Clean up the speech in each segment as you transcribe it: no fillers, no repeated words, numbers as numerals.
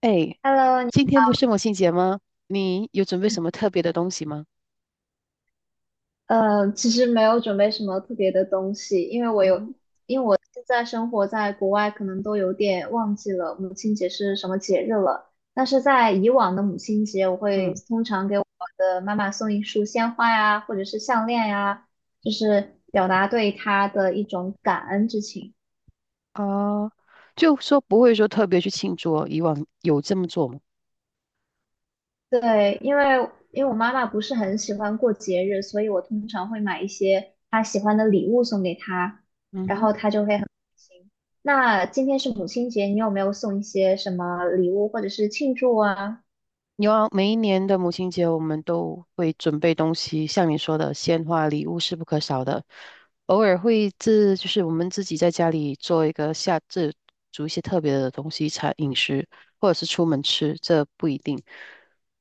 哎，Hello,你今天不是母亲节吗？你有准备什么特别的东西吗？其实没有准备什么特别的东西，因为我有，嗯因为我现在生活在国外，可能都有点忘记了母亲节是什么节日了。但是在以往的母亲节，我哼。会嗯。通常给我的妈妈送一束鲜花呀，或者是项链呀，就是表达对她的一种感恩之情。啊，就说不会说特别去庆祝哦？以往有这么做吗？对，因为我妈妈不是很喜欢过节日，所以我通常会买一些她喜欢的礼物送给她，嗯然哼。后她就会很开心。那今天是母亲节，你有没有送一些什么礼物或者是庆祝啊？有啊，每一年的母亲节，我们都会准备东西，像你说的，鲜花、礼物是不可少的。偶尔会自，就是我们自己在家里做一个下，煮一些特别的东西，餐饮食，或者是出门吃，这不一定。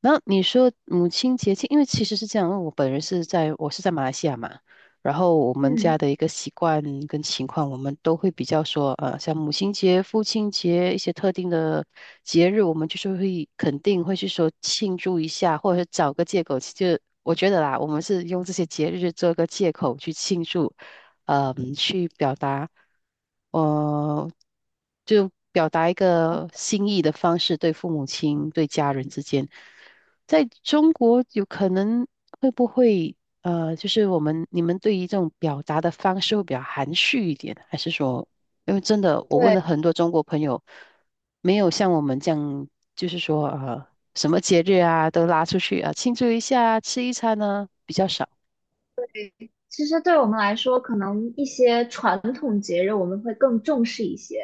然后你说母亲节庆，因为其实是这样，因为我本人是在，我是在马来西亚嘛。然后我们嗯，家的一个习惯跟情况，我们都会比较说，像母亲节、父亲节一些特定的节日，我们就是会肯定会去说庆祝一下，或者是找个借口。就我觉得啦，我们是用这些节日做个借口去庆祝，去表达，呃，就表达一个心意的方式，对父母亲、对家人之间，在中国有可能会不会？就是你们对于这种表达的方式会比较含蓄一点，还是说，因为真的我问对，了很多中国朋友，没有像我们这样，就是说什么节日啊都拉出去啊庆祝一下啊吃一餐呢比较少。其实对我们来说，可能一些传统节日我们会更重视一些，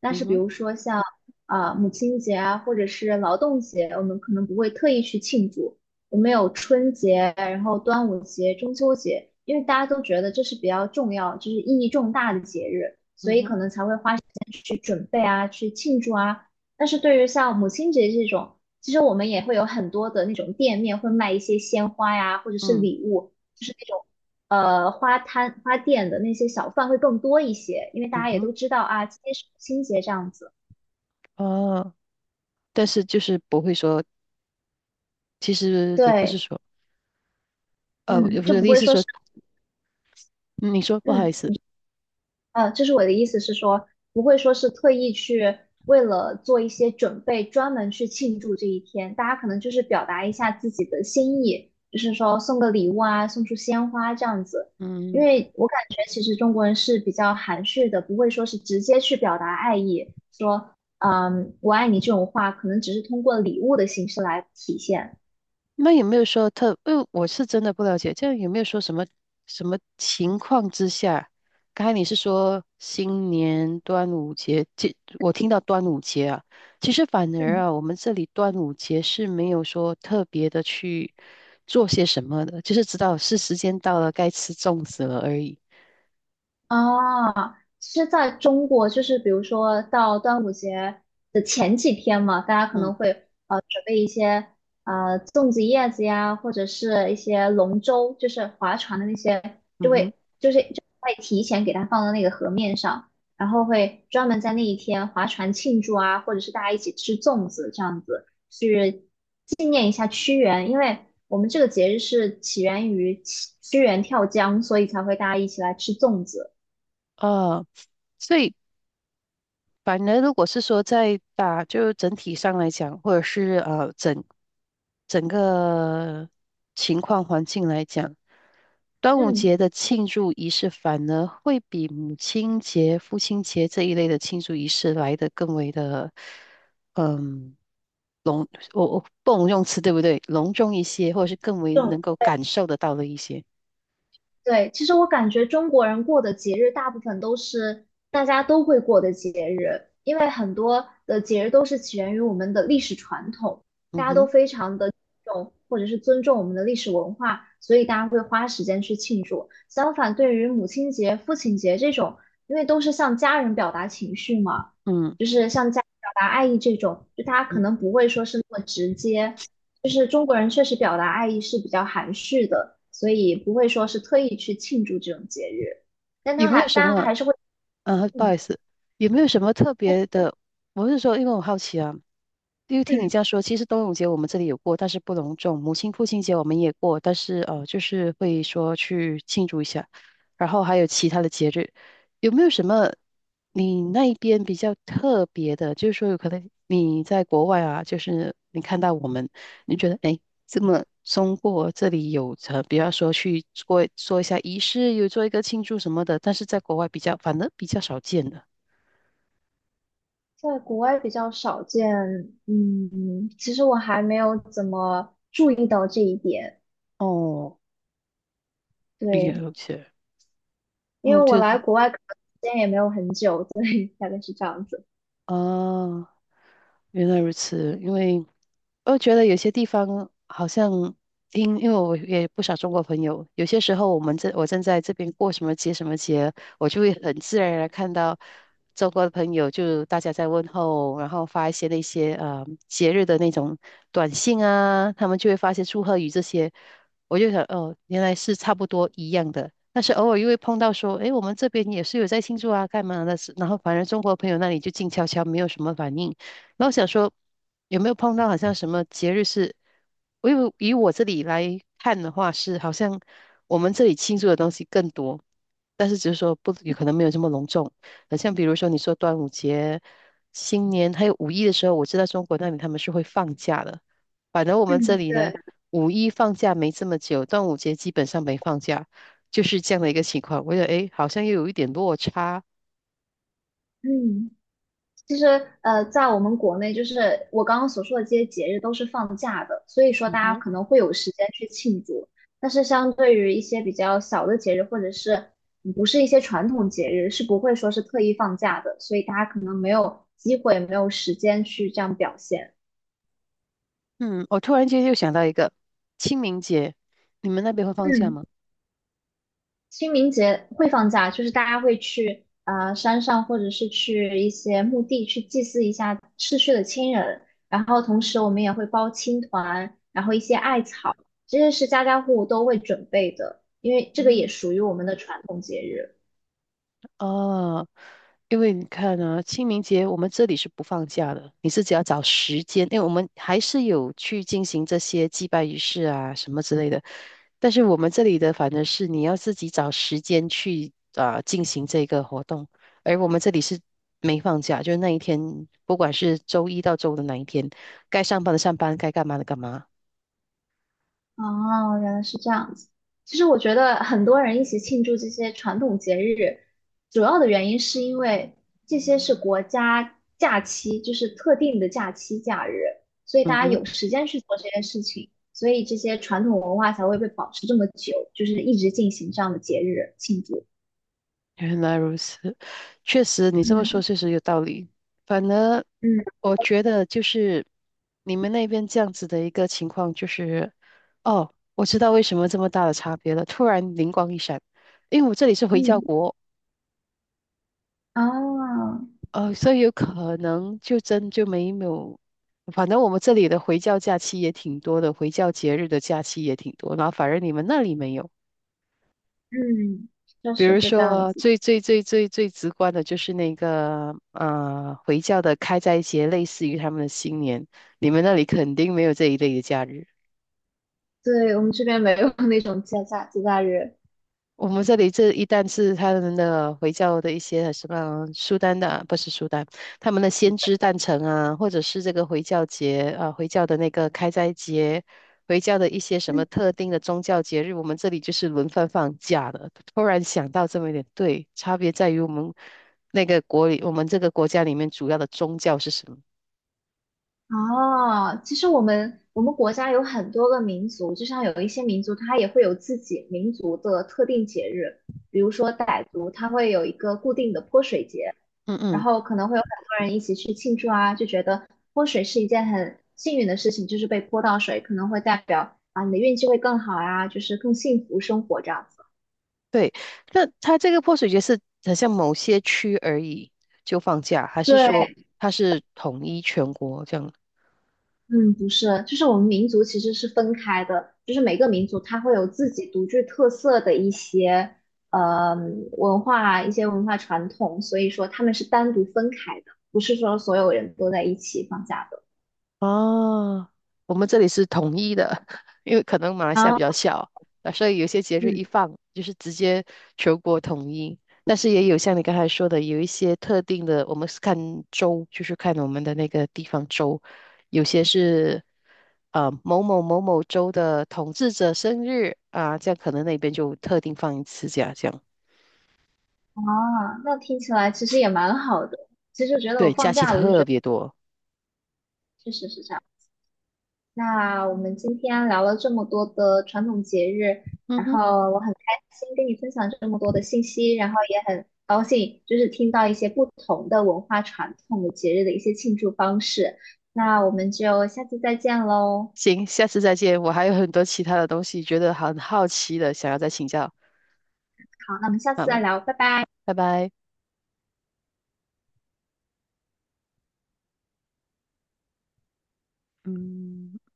但嗯是比哼。如说像母亲节啊，或者是劳动节，我们可能不会特意去庆祝。我们有春节，然后端午节、中秋节，因为大家都觉得这是比较重要，就是意义重大的节日，所嗯以哼，可能才会花时间去准备啊，去庆祝啊。但是对于像母亲节这种，其实我们也会有很多的那种店面会卖一些鲜花呀，或者是嗯礼物。就是那种。花摊花店的那些小贩会更多一些，因为大嗯家也哼。都知道啊，今天是母亲节这样子。哦，但是就是不会说，其实也不是对，说，我嗯，就不的意会思是说说，是嗯，你说不好意思。嗯。就是我的意思是说，不会说是特意去为了做一些准备，专门去庆祝这一天。大家可能就是表达一下自己的心意，就是说送个礼物啊，送束鲜花这样子。因嗯。为我感觉其实中国人是比较含蓄的，不会说是直接去表达爱意，说嗯我爱你这种话，可能只是通过礼物的形式来体现。那有没有说特？因为我是真的不了解，这样有没有说什么什么情况之下？刚才你是说新年端午节，我听到端午节啊，其实反而啊，我们这里端午节是没有说特别的去做些什么的，就是知道是时间到了，该吃粽子了而已。啊，是在中国，就是比如说到端午节的前几天嘛，大家可能嗯会准备一些粽子叶子呀，或者是一些龙舟，就是划船的那些，就嗯哼。会就是就会提前给它放到那个河面上，然后会专门在那一天划船庆祝啊，或者是大家一起吃粽子这样子去纪念一下屈原，因为我们这个节日是起源于屈原跳江，所以才会大家一起来吃粽子。啊，所以反而，如果是说在打，就整体上来讲，或者是整个情况环境来讲，端午嗯，节的庆祝仪式反而会比母亲节、父亲节这一类的庆祝仪式来得更为的，嗯，隆，我不能用词对不对？隆重一些，或者是更为这能够感受得到的一些。对，其实我感觉中国人过的节日大部分都是大家都会过的节日，因为很多的节日都是起源于我们的历史传统，嗯大家都哼。非常的重或者是尊重我们的历史文化，所以大家会花时间去庆祝。相反，对于母亲节、父亲节这种，因为都是向家人表达情绪嘛，嗯。就是向家人表达爱意这种，就大家嗯，可能不会说是那么直接。就是中国人确实表达爱意是比较含蓄的，所以不会说是特意去庆祝这种节日，但有他没有还什大家么？还是会，嗯，不好嗯，意思，有没有什么特但是别的？我是说，因为我好奇啊，因为听你嗯这样说，其实端午节我们这里有过，但是不隆重；母亲、父亲节我们也过，但是就是会说去庆祝一下。然后还有其他的节日，有没有什么你那一边比较特别的？就是说，有可能你在国外啊，就是你看到我们，你觉得诶,这么中国这里有着，比方说去做一下仪式，有做一个庆祝什么的，但是在国外比较，反而比较少见的。在国外比较少见，嗯，其实我还没有怎么注意到这一点，哦，对，了解。因嗯，为我来国外可能时间也没有很久，所以大概是这样子，啊，原来如此，因为我觉得有些地方好像因为我也不少中国朋友，有些时候我正在这边过什么节什么节，我就会很自然而然看到中国的朋友，就大家在问候，然后发一些那些节日的那种短信啊，他们就会发一些祝贺语这些，我就想哦，原来是差不多一样的。但是偶尔又会碰到说，诶，我们这边也是有在庆祝啊，干嘛的？然后反正中国朋友那里就静悄悄，没有什么反应。那我想说有没有碰到好像什么节日是，以我这里来看的话是好像我们这里庆祝的东西更多，但是只是说不有可能没有这么隆重。很像比如说你说端午节、新年还有五一的时候，我知道中国那里他们是会放假的，反正我们这嗯，里呢，对，五一放假没这么久，端午节基本上没放假，就是这样的一个情况。我觉得诶，好像又有一点落差。嗯。其实，在我们国内，就是我刚刚所说的这些节日都是放假的，所以说嗯大家哼。可能会有时间去庆祝。但是，相对于一些比较小的节日，或者是不是一些传统节日，是不会说是特意放假的，所以大家可能没有机会，没有时间去这样表现。嗯，我突然间又想到一个清明节，你们那边会放假嗯。吗？清明节会放假，就是大家会去啊山上，或者是去一些墓地去祭祀一下逝去的亲人。然后同时我们也会包青团，然后一些艾草，这些是家家户户都会准备的，因为这个也嗯。属于我们的传统节日。哦，因为你看啊，清明节我们这里是不放假的，你自己要找时间，因为我们还是有去进行这些祭拜仪式啊什么之类的，但是我们这里的反正是你要自己找时间去啊、进行这个活动，而我们这里是没放假，就是那一天，不管是周一到周五的哪一天，该上班的上班，该干嘛的干嘛。哦，原来是这样子。其实我觉得很多人一起庆祝这些传统节日，主要的原因是因为这些是国家假期，就是特定的假期假日，所以大嗯家哼。有时间去做这些事情，所以这些传统文化才会被保持这么久，就是一直进行这样的节日庆祝。原来如此，确实你这么说嗯确实有道理。反而嗯我觉得就是你们那边这样子的一个情况，就是哦，我知道为什么这么大的差别了。突然灵光一闪，因为我这里是回教嗯，国，啊，所以有可能就真就没有。反正我们这里的回教假期也挺多的，回教节日的假期也挺多，然后反而你们那里没有。嗯确比实如是这样说，子的。最直观的就是那个回教的开斋节，类似于他们的新年。你们那里肯定没有这一类的假日。对，我们这边没有那种节假节假日。我们这里这一旦是他们的回教的一些什么苏丹的啊，不是苏丹，他们的先知诞辰啊，或者是这个回教节啊，回教的那个开斋节，回教的一些什么嗯。特定的宗教节日，我们这里就是轮番放假的。突然想到这么一点，对，差别在于我们那个国里，我们这个国家里面主要的宗教是什么？哦，其实我们国家有很多个民族，就像有一些民族，它也会有自己民族的特定节日，比如说傣族，它会有一个固定的泼水节，嗯。然嗯。后可能会有很多人一起去庆祝啊，就觉得泼水是一件很幸运的事情，就是被泼到水，可能会代表啊你的运气会更好啊，就是更幸福生活这样子。对，那它这个泼水节是好像某些区而已就放假，还是对，说它是统一全国这样？嗯，不是，就是我们民族其实是分开的，就是每个民族它会有自己独具特色的一些呃文化、一些文化传统，所以说他们是单独分开的，不是说所有人都在一起放假的。哦，我们这里是统一的，因为可能马来西亚比啊，较小，啊，所以有些节日嗯，一放就是直接全国统一。但是也有像你刚才说的，有一些特定的，我们是看州，就是看我们的那个地方州，有些是。某某某某州的统治者生日啊，这样可能那边就特定放一次假，这样啊，那听起来其实也蛮好的。其实觉得我对，假放期假，我就觉特得别多。确实是这样。那我们今天聊了这么多的传统节日，嗯然哼，后我很开心跟你分享这么多的信息，然后也很高兴就是听到一些不同的文化传统的节日的一些庆祝方式。那我们就下次再见喽。行，下次再见。我还有很多其他的东西觉得很好奇的，想要再请教。好，那我们下次好再了，聊，拜拜。拜拜。嗯。